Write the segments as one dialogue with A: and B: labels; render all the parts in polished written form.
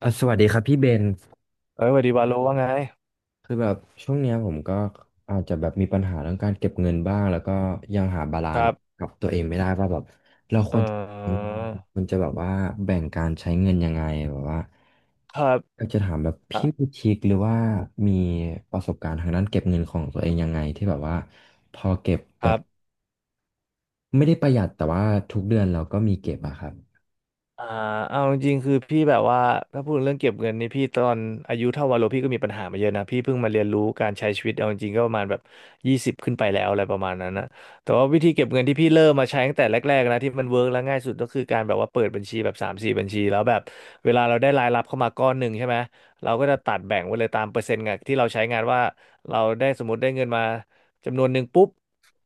A: เอ่ะสวัสดีครับพี่เบน
B: เอ้ยสวัสดีวาโลว่าไง
A: คือแบบช่วงเนี้ยผมก็อาจจะแบบมีปัญหาเรื่องการเก็บเงินบ้างแล้วก็ยังหาบาลา
B: ค
A: นซ์
B: รับ
A: กับตัวเองไม่ได้ว่าแบบเราค
B: เอ่
A: วรอืม
B: อ
A: ควรจะแบบว่าแบ่งการใช้เงินยังไงแบบว่า
B: ครับ
A: อยากจะถามแบบ
B: อ่ะ
A: พี่มีทริคหรือว่ามีประสบการณ์ทางด้านเก็บเงินของตัวเองยังไงที่แบบว่าพอเก็บ
B: ค
A: แบ
B: รั
A: บ
B: บ
A: ไม่ได้ประหยัดแต่ว่าทุกเดือนเราก็มีเก็บอะครับ
B: อ่าเอาจริงๆคือพี่แบบว่าถ้าพูดเรื่องเก็บเงินนี่พี่ตอนอายุเท่าวาโลพี่ก็มีปัญหามาเยอะนะพี่เพิ่งมาเรียนรู้การใช้ชีวิตเอาจริงๆก็ประมาณแบบยี่สิบขึ้นไปแล้วอะไรประมาณนั้นนะแต่ว่าวิธีเก็บเงินที่พี่เริ่มมาใช้ตั้งแต่แรกๆนะที่มันเวิร์กและง่ายสุดก็คือการแบบว่าเปิดบัญชีแบบสามสี่บัญชีแล้วแบบเวลาเราได้รายรับเข้ามาก้อนหนึ่งใช่ไหมเราก็จะตัดแบ่งไว้เลยตามเปอร์เซ็นต์งานที่เราใช้งานว่าเราได้สมมติได้เงินมาจำนวนหนึ่งปุ๊บ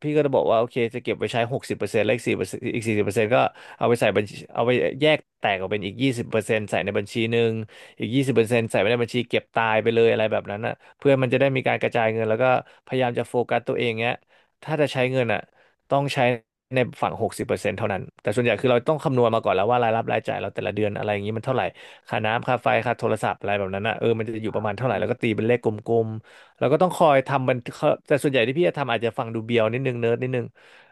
B: พี่ก็จะบอกว่าโอเคจะเก็บไว้ใช้หกสิบเปอร์เซ็นต์และอีก4%อีก40%ก็ เอาไปใส่บัญชีเอาไปแยกแตกออกเป็นอีกยี่สิบเปอร์เซ็นต์ใส่ในบัญชีหนึ่งอีกยี่สิบเปอร์เซ็นต์ใส่ไว้ในบัญชีเก็บตายไปเลยอะไรแบบนั้นอ่ะเพื่อมันจะได้มีการกระจายเงินแล้วก็พยายามจะโฟกัสตัวเองเงี้ยถ้าจะใช้เงินอ่ะต้องใช้ในฝั่งหกสิบเปอร์เซ็นต์เท่านั้นแต่ส่วนใหญ่คือเราต้องคำนวณมาก่อนแล้วว่ารายรับรายจ่ายเราแต่ละเดือนอะไรอย่างนี้มันเท่าไหร่ค่าน้ำค่าไฟค่าโทรศัพท์อะไรแบบนั้นอ่ะมันจะอยู่ประมาณเท่าไหร่แล้วก็ตีเป็นเลขกลมๆแล้วก็ต้องคอยทำมันเขาแต่ส่วนใหญ่ที่พี่จะทำอาจจะฟังดูเบียวนิดนึงเนิร์ดนิดนึง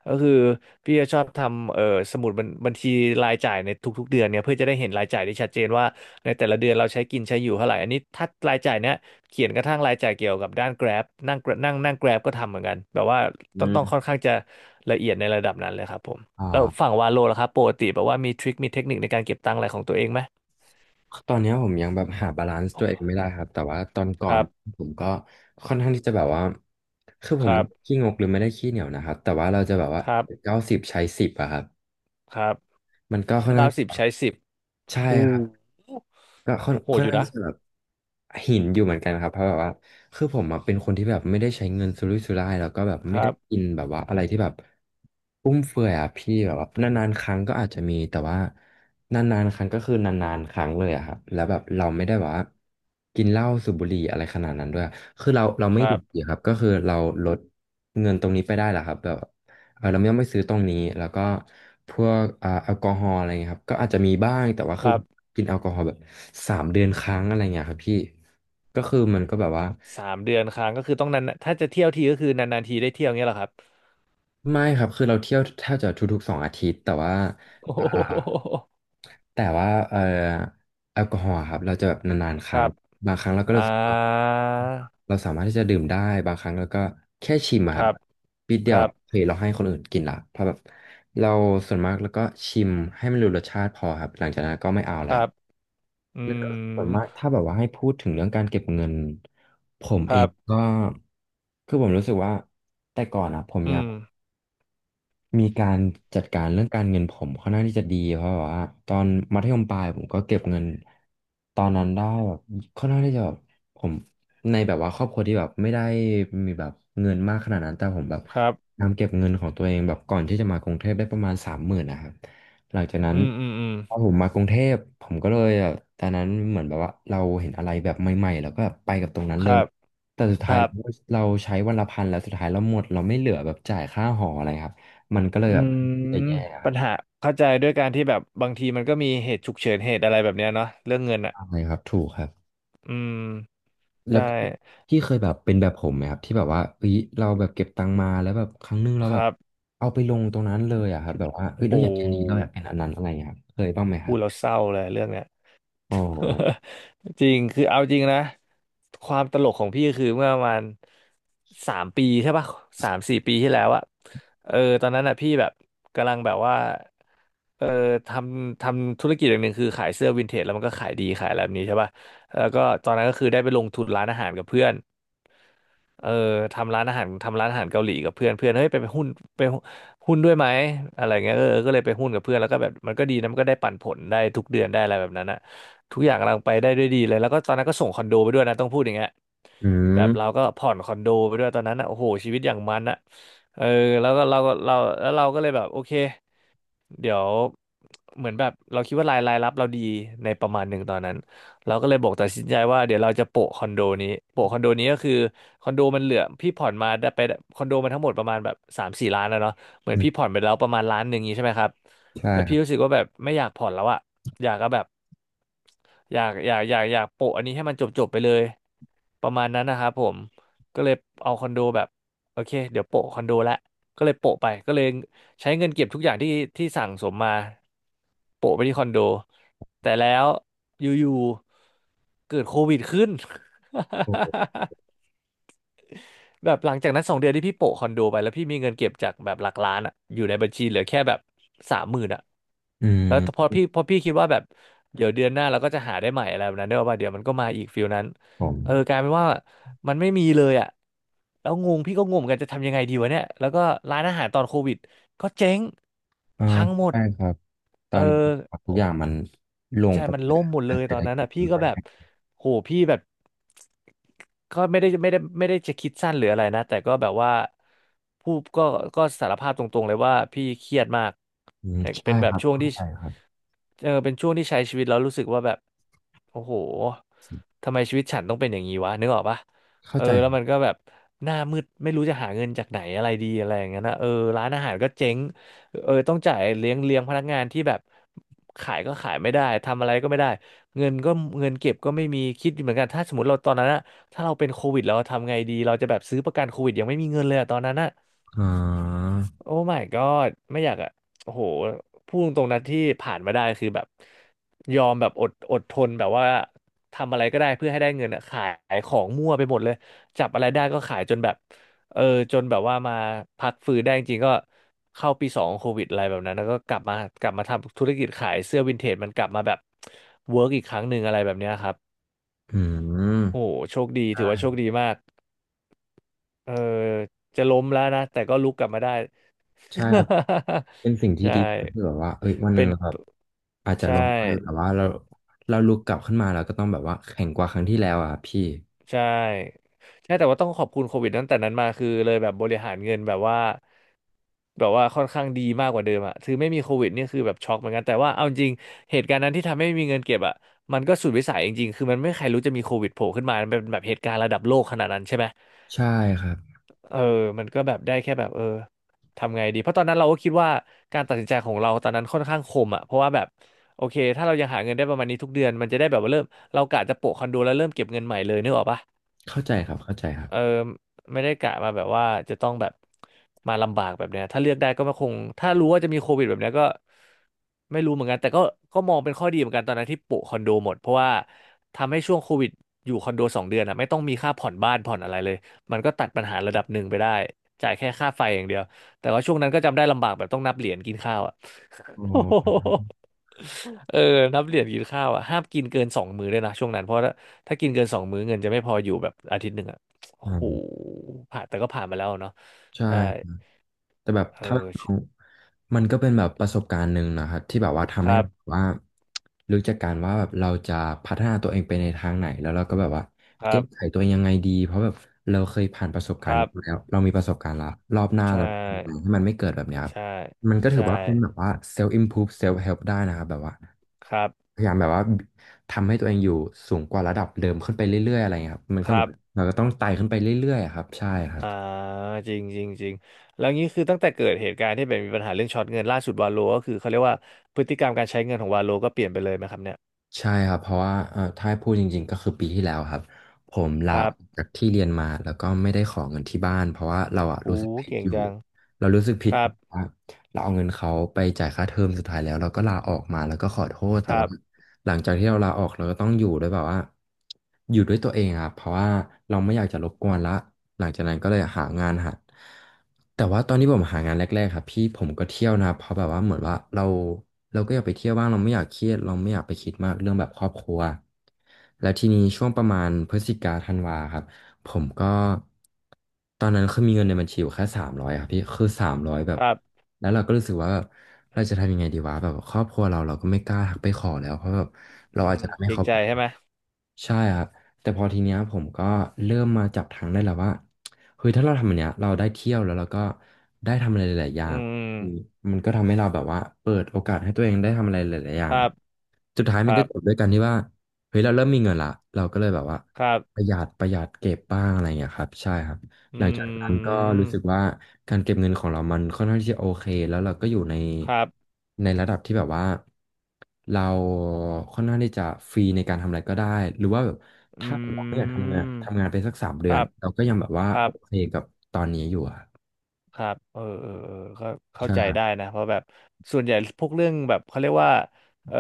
B: ก็คือ พี่จะชอบทำสมุดบัญชีรายจ่ายในทุกๆเดือนเนี่ยเพื่อจะได้เห็นรายจ่ายได้ชัดเจนว่าในแต่ละเดือนเราใช้กินใช้อยู่เท่าไหร่อันนี้ถ้ารายจ่ายเนี้ยเขียนกระทั่งรายจ่ายเกี่ยวกับด้าน Grab นั่ง Grab- นั่งนั่ง Grab ก็ทำเหมือนกันแบบว่า
A: อื
B: ต้องค่อน
A: ม
B: ข้างจะละเอียดในระดับนั้นเลยครับผมแล้ว
A: อ่า
B: ฝั่งวาโลล่ะครับปกติแบบว่ามีทริคมีเทคนิคในการเก็บตังค์อะไรของตัวเองไหม
A: ตอนเนี้ยผมยังแบบหาบาลานซ์ตัวเองไม่ได้ครับแต่ว่าตอนก่
B: ค
A: อน
B: รับ
A: ผมก็ค่อนข้างที่จะแบบว่าคือผ
B: ค
A: ม
B: รั
A: ไม่ได้
B: บ
A: ขี้งกหรือไม่ได้ขี้เหนียวนะครับแต่ว่าเราจะแบบว่า
B: ครับ
A: 90ใช้สิบอะครับ
B: ครับ
A: มันก็ค่อนข้า
B: เก้า
A: ง
B: สิบใช้สิบ
A: ใช่
B: หู
A: ครับ ก็ค่อน
B: โห
A: ค่
B: ด
A: อน
B: อยู่
A: ข้าง
B: นะ
A: จะแบบหินอยู่เหมือนกันครับเพราะแบบว่าคือผมอะเป็นคนที่แบบไม่ได้ใช้เงินสุรุ่ยสุร่ายแล้วก็แบบ
B: ค
A: ไม่
B: รั
A: ได้
B: บ
A: กินแบบว่าอะไรที่แบบฟุ่มเฟือยอะพี่แบบว่านานๆครั้งก็อาจจะมีแต่ว่านานๆครั้งก็คือนานๆครั้งเลยอะครับแล้วแบบเราไม่ได้แบบว่ากินเหล้าสูบบุหรี่อะไรขนาดนั้นด้วยคือเรา
B: ค
A: ไม่
B: รั
A: ดื่
B: บ
A: มเบียร์ครับก็คือเราลดเงินตรงนี้ไปได้แหละครับแบบ เออเราไม่ต้องไปซื้อตรงนี้ แล้วก็พวกแอลกอฮอล์อะไรเงี้ยครับ ก็อาจจะมีบ้าง แต่ว่า
B: ค
A: คือ
B: รับ
A: กินแอลกอฮอล์แบบ3 เดือนครั้งอะไรเงี้ยครับพี่ ก็คือมันก็แบบว่า
B: 3 เดือนครั้งก็คือต้องนานๆถ้าจะเที่ยวทีก็คือนานๆทีได้เที่ยวเงี้ยเหรอครับ
A: ไม่ครับคือเราเที่ยวแทบจะทุกๆ2 อาทิตย์แต่ว่า
B: โอ้โ
A: อ่า
B: ห
A: แต่ว่าแอลกอฮอล์อะครับเราจะแบบนานๆค
B: ค
A: รั้ง
B: รับ
A: บางครั้งเราก็
B: อ่า
A: รู้สึกว่าเราสามารถที่จะดื่มได้บางครั้งเราก็แค่ชิมอะ
B: ค
A: ครับ
B: รับ
A: ปิดเดี
B: ค
A: ยว
B: รับ
A: โอเคเราให้คนอื่นกินละเพราะแบบเราส่วนมากแล้วก็ชิมให้มันรู้รสชาติพอครับหลังจากนั้นก็ไม่เอา
B: ค
A: ละ
B: รับอื
A: แล้วก็ส่วน
B: ม
A: มากถ้าแบบว่าให้พูดถึงเรื่องการเก็บเงินผม
B: ค
A: เอ
B: รั
A: ง
B: บ
A: ก็คือผมรู้สึกว่าแต่ก่อนอะผมอ
B: อื
A: ยาก
B: ม
A: มีการจัดการเรื่องการเงินผมค่อนข้างที่จะดีเพราะแบบว่าตอนมัธยมปลายผมก็เก็บเงินตอนนั้นได้แบบค่อนข้างที่จะแบบผมในแบบว่าครอบครัวที่แบบไม่ได้มีแบบเงินมากขนาดนั้นแต่ผมแบบ
B: ครับ
A: นำเก็บเงินของตัวเองแบบก่อนที่จะมากรุงเทพได้ประมาณ30,000นะครับหลังจากนั้
B: อื
A: น
B: มอืมอืม
A: พอผมมากรุงเทพผมก็เลยแบบตอนนั้นเหมือนแบบว่าเราเห็นอะไรแบบใหม่ๆแล้วก็แบบไปกับตรงนั้น
B: ค
A: เล
B: รั
A: ย
B: บ
A: แต่สุด
B: ค
A: ท้าย
B: รับ
A: เราใช้วันละ 1,000แล้วสุดท้ายเราหมดเราไม่เหลือแบบจ่ายค่าหออะไรครับ มันก็เลย
B: อื
A: แบบ
B: ม
A: จะแย่ครั
B: ปั
A: บ
B: ญหาเข้าใจด้วยการที่แบบบางทีมันก็มีเหตุฉุกเฉินเหตุอะไรแบบเนี้ยเนาะเรื่องเงินอ่ะ
A: ใช่ครับถูกครับ
B: อืม
A: แล้ว
B: ใช่
A: พี่เคยแบบเป็นแบบผมไหมครับที่แบบว่าเอ้ยเราแบบเก็บตังค์มาแล้วแบบครั้งหนึงเรา
B: ค
A: แบบ
B: รับ
A: เอาไปลงตรงนั้นเลยอะครับแบบว่าเอ้ย
B: โอ
A: เราอยากเป็นอันนี้เราอยา
B: ้
A: กเป็นอันนั้นอะไรอย่างเงี้ยครับเคยบ้างไหมค
B: พู
A: รั
B: ด
A: บ
B: แล้วเศร้าเลยเรื่องเนี้ย
A: โอ้โห
B: จริงคือเอาจริงนะความตลกของพี่คือเมื่อประมาณ3 ปีใช่ปะ3-4 ปีที่แล้วอะตอนนั้นอะพี่แบบกำลังแบบว่าเออททำธุรกิจอย่างหนึ่งคือขายเสื้อวินเทจแล้วมันก็ขายดีขายอะไรแบบนี้ใช่ปะแล้วก็ตอนนั้นก็คือได้ไปลงทุนร้านอาหารกับเพื่อน เออทำร้านอาหารทำร้านอาหารเกาหลีกับเพื่อนเพื่อนเฮ้ยไปหุ้นไปหุ้นด้วยไหมอะไรเงี้ยก็เลยไปหุ้นกับเพื่อนแล้วก็แบบมันก็ดีนะมันก็ได้ปันผลได้ทุกเดือนได้อะไรแบบนั้นอะทุกอย่างกำลังไปได้ด้วยดีเลยแล้วก็ตอนนั้นก็ส่งคอนโดไปด้วยนะต้องพูดอย่างเงี้ย
A: อื
B: แบบเรา
A: ม
B: ก็ผ่อนคอนโดไปด้วยตอนนั้นอะโอ้โหชีวิตอย่างมันอะเออแล้วก็เราก็เราแล้วเราก็เลยแบบโอเค เดี๋ยวเหมือนแบบเราคิดว่ารายรับเราดีในประมาณหนึ่งตอนนั้นเราก็เลยบอกตัดสินใจว่าเดี๋ยวเราจะโปะคอนโดนี้โปะคอนโดนี้ก็คือคอนโดมันเหลือพี่ผ่อนมาได้ไปคอนโดมันทั้งหมดประมาณแบบสามสี่ล้านแล้วเนาะเหมือนพี่ผ่
A: อ
B: อนไปแล้วประมาณล้านหนึ่งนี้ใช่ไหมครับ
A: ใช่
B: แล้ว
A: ครั
B: พี่
A: บ
B: รู้สึกว่าแบบไม่อยากผ่อนแล้วอะอยากก็แบบอยากโปะอันนี้ให้มันจบไปเลยประมาณนั้นนะครับผมก็เลยเอาคอนโดแบบโอเคเดี๋ยวโปะคอนโดละก็เลยโปะไปก็เลย ใช้เงินเก็บทุกอย่างที่สั่งสมมาโปะไปที่คอนโดแต่แล้วอยู่ๆเกิดโควิดขึ้น
A: โอ้โห
B: แบบหลังจากนั้นสองเดือนที่พี่โปะคอนโดไปแล้วพี่มีเงินเก็บจากแบบหลักล้านอะอยู่ในบัญชีเหลือแค่แบบสามหมื่นอ่ะ
A: อืม
B: แล้วพอพี่คิดว่าแบบเดี๋ยวเดือนหน้าเราก็จะหาได้ใหม่อะไรแบบนั้นเด้อะว่าเดี๋ยวมันก็มาอีกฟิลนั้น
A: ผม
B: เออกลายเป็นว่ามันไม่มีเลยอ่ะแล้วงงพี่ก็งงเหมือนกันจะทำยังไงดีวะเนี่ยแล้วก็ร้านอาหารตอนโควิดก็เจ๊ง
A: อ่า
B: พังหมด
A: ใช่ครับต
B: เอ
A: อ
B: อ
A: นทุกอย่างมันลง
B: ใช่
A: ไป
B: มัน
A: เลย
B: ล่ม
A: อะ
B: หมด
A: แล้
B: เล
A: ว
B: ย
A: เศร
B: ตอ
A: ษฐ
B: นนั้น
A: กิจ
B: อ่ะ
A: มั
B: พี่
A: น
B: ก็
A: ก็
B: แบบ
A: แย่
B: โหพี่แบบก็ไม่ได้จะคิดสั้นหรืออะไรนะแต่ก็แบบว่าพูดก็สารภาพตรงๆเลยว่าพี่เครียดมาก
A: อืม
B: แต่
A: ใช่
B: เป็นแบ
A: ค
B: บ
A: รับ
B: ช่วง
A: เข้า
B: ที่
A: ใจครับ
B: เออเป็นช่วงที่ใช้ชีวิตแล้วรู้สึกว่าแบบโอ้โหทำไมชีวิตฉันต้องเป็นอย่างนี้วะนึกออกปะ
A: เข้า
B: เออ
A: ใจ
B: แล้วมันก็แบบหน้ามืดไม่รู้จะหาเงินจากไหนอะไรดีอะไรอย่างเงี้ยนะเออร้านอาหารก็เจ๊ง เออต้องจ่ายเลี้ยงพนักงานที่แบบขายก็ขายไม่ได้ทำอะไรก็ไม่ได้เงินก็เงินเก็บก็ไม่มีคิดอยู่เหมือนกันถ้าสมมติเราตอนนั้นอะถ้าเราเป็นโควิดเราทำไงดีเราจะแบบซื้อประกันโควิดยังไม่มีเงินเลยอะตอนนั้นอะ
A: อ่า
B: โอ้ my god ไม่อยากอะโอ้โหพูดตรงๆนะที่ผ่านมาได้คือแบบยอมแบบอดทนแบบว่าทำอะไรก็ได้เพื่อให้ได้เงินอะขายของมั่วไปหมดเลยจับอะไรได้ก็ขายจนแบบเออจนแบบว่ามาพักฟื้นได้จริงๆก็เข้าปีสองโควิดอะไรแบบนั้นแล้วก็กลับมากลับมาทำธุรกิจขายเสื้อวินเทจมันกลับมาแบบเวิร์กอีกครั้งหนึ่งอะไรแบบเนี้ยครับ
A: อืม
B: โอ้โหโชคดีถือว่าโชค
A: ใช่
B: ดีมาก เออจะล้มแล้วนะแต่ก็ลุกกลับมาได้
A: ใช่ครับ เป็นสิ่ง
B: ใช
A: ที่ดีที่
B: ่
A: แบบว่าเอ้ยวันหนึ่
B: เป็
A: ง
B: น
A: เราแบบอาจจะ
B: ใช่
A: ล้มไปแต่ว่าเราลุกกลับขึ้นมาเราก็ต้องแบบว่าแข็งกว่าครั้งที่แล้วอ่ะพี่
B: ใช่ใช่แต่ว่าต้องขอบคุณโควิดตั้งแต่นั้นมาคือเลยแบบบริหารเงินแบบว่าแบบว่าค่อนข้างดีมากกว่าเดิมอะคือไม่มีโควิดนี่คือแบบช็อกเหมือนกันแต่ว่าเอาจริงเหตุการณ์นั้นที่ทำให้ไม่มีเงินเก็บอะมันก็สุดวิสัยจริงๆคือมันไม่มีใครรู้จะมีโควิดโผล่ขึ้นมามันเป็นแบบเหตุการณ์ระดับโลกขนาดนั้นใช่ไหม
A: ใช่ครับ
B: เออมันก็แบบได้แค่แบบเออทำไงดี เพราะตอนนั้นเราก็คิดว่าการตัดสินใจของเราตอนนั้นค่อนข้างคมอ่ะเพราะว่าแบบโอเคถ้าเรายังหาเงินได้ประมาณนี้ทุกเดือน มันจะได้แบบว่าเริ่มเรากะจะโปะคอนโดแล้วเริ่มเก็บเงินใหม่เลยนึกออกปะ
A: เข้าใจครับเข้าใจครับ
B: เออไม่ได้กะมาแบบว่าจะต้องแบบมาลำบากแบบเนี้ยถ้าเลือกได้ก็ไม่คงถ้ารู้ว่าจะมีโควิดแบบเนี้ยก็ไม่รู้เหมือนกันแต่ก็ก็มองเป็นข้อดีเหมือนกันตอนนั้นที่โปะคอนโดหมดเพราะว่าทำให้ช่วงโควิดอยู่คอนโดสองเดือนอ่ะไม่ต้องมีค่าผ่อนบ้านผ่อนอะไรเลยมันก็ตัดปัญหาระดับหนึ่งไปได้จ่ายแค่ค่าไฟอย่างเดียวแต่ว่าช่วงนั้นก็จำได้ลำบากแบบต้องนับเหรียญกินข้าวอ่ะ
A: โอ๋
B: โอ้โ
A: อ
B: หเออนับเหรียญกินข้าวอ่ะห้ามกินเกินสองมื้อเลยนะช่วงนั้นเพราะถ้ากินเกินสองมื้อเงินจะไม่พออยู่แบบอาทิตย์หนึ่งอ่ะโอ้โห
A: ค
B: ผ่านแต่ก็ผ่านมาแล้วเนาะ
A: ใ
B: ใช่
A: ช่ แต่แบบ
B: เอ
A: ถ้า
B: อ
A: ของมันก็เป็นแบบประสบการณ์หนึ่งนะครับที่แบบว่าทำ
B: ค
A: ให้
B: รั
A: เราแบบ
B: บ
A: ว่ารู้จักการว่าแบบเราจะพัฒนาตัวเองไปในทางไหนแล้วเราก็แบบว่า
B: ครั
A: แก้ไข
B: บ
A: ตัวเองยังไงดีเพราะแบบเราเคยผ่านประสบกา
B: ค
A: รณ์
B: รั
A: นี้
B: บ
A: มาแล้วเรามีประสบการณ์ละรอบหน้า
B: ใช่
A: เราจะทำยังไงให้มันไม่เกิดแบบเนี้ยครับ
B: ใช่
A: มันก็ถือ
B: ใช่
A: ว่าเป็นแบบว่า self improve self help ได้นะครับแบบว่า
B: ครับ
A: พยายามแบบว่าทำให้ตัวเองอยู่สูงกว่าระดับเดิมขึ้นไปเรื่อยๆอะไรเงี้ยครับมัน
B: ค
A: ก็เห
B: รั
A: มือน
B: บ
A: เราก็ต้องไต่ขึ้นไปเรื่อยๆอะครับใช่ครับ
B: อ่าจริงจริงจริงแล้วงี้คือตั้งแต่เกิดเหตุการณ์ที่แบบมีปัญหาเรื่องช็อตเงินล่าสุดวาโลก็คือเขาเรียกว่าพฤติกรรมการใช้เงินของวาโลก็เปลี่ยนไปเลยไหมครับเนี่ย
A: ใช่ครับเพราะว่าถ้าให้พูดจริงๆก็คือปีที่แล้วครับผมลา
B: ค
A: อ
B: รั
A: อ
B: บ
A: กจากที่เรียนมาแล้วก็ไม่ได้ขอเงินที่บ้านเพราะว่าเราอะ
B: อู้
A: รู้สึกผิด
B: เก่ง
A: อยู่
B: จัง
A: เรารู้สึกผิ
B: ค
A: ดเพ
B: รับ
A: ราะว่าเราเอาเงินเขาไปจ่ายค่าเทอมสุดท้ายแล้วเราก็ลาออกมาแล้วก็ขอโทษ
B: ค
A: แต่
B: รั
A: ว่า
B: บ
A: หลังจากที่เราลาออกเราก็ต้องอยู่ด้วยแบบว่าอยู่ด้วยตัวเองอะครับเพราะว่าเราไม่อยากจะรบกวนละหลังจากนั้นก็เลยหางานหัดแต่ว่าตอนที่ผมหางานแรกๆครับพี่ผมก็เที่ยวนะเพราะแบบว่าเหมือนว่าเราก็อยากไปเที่ยวบ้างเราไม่อยากเครียดเราไม่อยากไปคิดมากเรื่องแบบครอบครัวแล้วทีนี้ช่วงประมาณพฤศจิกาธันวาครับผมก็ตอนนั้นคือมีเงินในบัญชีอยู่แค่สามร้อยครับพี่คือสามร้อยแบ
B: ค
A: บ
B: รับ
A: แล้วเราก็รู้สึกว่าแบบเราจะทำยังไงดีวะแบบครอบครัวเราก็ไม่กล้าทักไปขอแล้วเพราะแบบเรา
B: อื
A: อาจ
B: ม
A: จะทำ
B: เก
A: ให้
B: รง
A: เขา
B: ใจ
A: ผิดห
B: ใช่
A: วั
B: ไหม
A: งใช่ครับแต่พอทีเนี้ยผมก็เริ่มมาจับทางได้แล้วว่าเฮ้ยถ้าเราทำอันเนี้ยเราได้เที่ยวแล้วเราก็ได้ทำอะไรหลายๆอย่า
B: อื
A: งคือ
B: ม
A: มันก็ทำให้เราแบบว่าเปิดโอกาสให้ตัวเองได้ทำอะไรหลายๆอย่า
B: ค
A: ง
B: รั
A: อะ
B: บ
A: สุดท้าย
B: ค
A: มัน
B: รั
A: ก็
B: บ
A: จบด้วยกันที่ว่าเฮ้ยเราเริ่มมีเงินละเราก็เลยแบบว่า
B: ครั
A: ประ
B: บ
A: หยัดประหยัดเก็บบ้างอะไรอย่างเงี้ยครับใช่ครับ
B: อ
A: หลังจากนั้
B: ื
A: นก็รู้สึก
B: ม
A: ว่าการเก็บเงินของเรามันค่อนข้างที่จะโอเคแล้วเราก็อยู่ใน
B: ครับ
A: ระดับที่แบบว่าเราค่อนข้างที่จะฟรีในการทำอะไรก็ได้หรือว่าแบบ
B: อื
A: ถ้าเราไม่อยากทำ
B: ม
A: งานทำงานไปสักสามเดื
B: ค
A: อ
B: รั
A: น
B: บ
A: เราก็ยังแบบว่า
B: ครั
A: โอ
B: บ
A: เคกับตอนนี้อยู่อะ
B: ครับเออเออเออก็เข้า
A: ใช่
B: ใจได้นะเพราะแบบส่วนใหญ่พวกเรื่องแบบเขาเรียกว่าเออ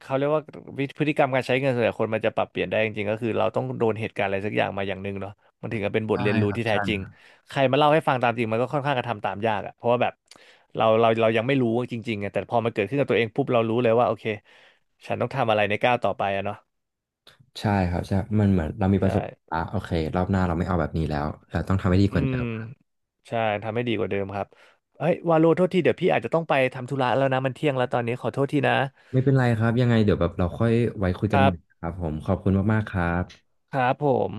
B: เขาเรียกว่าวิพฤติกรรมการใช้เงินส่วนใหญ่คนมันจะปรับเปลี่ยนได้จริงๆก็คือเราต้องโดนเหตุการณ์อะไรสักอย่างมาอย่างหนึ่งเนาะมันถึงจะเป็นบท
A: ใช่
B: เรียนรู้
A: ครับ
B: ที่แท้
A: ใช่
B: จริ
A: ค
B: ง
A: รับ
B: ใครมาเล่าให้ฟังตามจริงมันก็ค่อนข้างกระทำตามยากอะเพราะว่าแบบเรายังไม่รู้จริงๆไงแต่พอมันเกิดขึ้นกับตัวเองปุ๊บเรารู้เลยว่าโอเคฉันต้องทำอะไรในก้าวต่อไปอะเนาะ
A: ใช่ครับใช่มันเหมือนเรามีป
B: ใช่
A: ระสบการณ์ละโอเครอบหน้าเราไม่เอาแบบนี้แล้วเราต้องทำให้ดี
B: อื
A: กว่าเดิ
B: ม
A: ม
B: ใช่ทำให้ดีกว่าเดิมครับเฮ้ยวาโลโทษทีเดี๋ยวพี่อาจจะต้องไปทำธุระแล้วนะมันเที่ยงแล้วตอนนี้ขอโทษทีนะ
A: ไม่เป็นไรครับยังไงเดี๋ยวแบบเราค่อยไว้คุย
B: ค
A: กัน
B: รั
A: ใหม่
B: บ
A: ครับผมขอบคุณมากๆครับ
B: ครับผม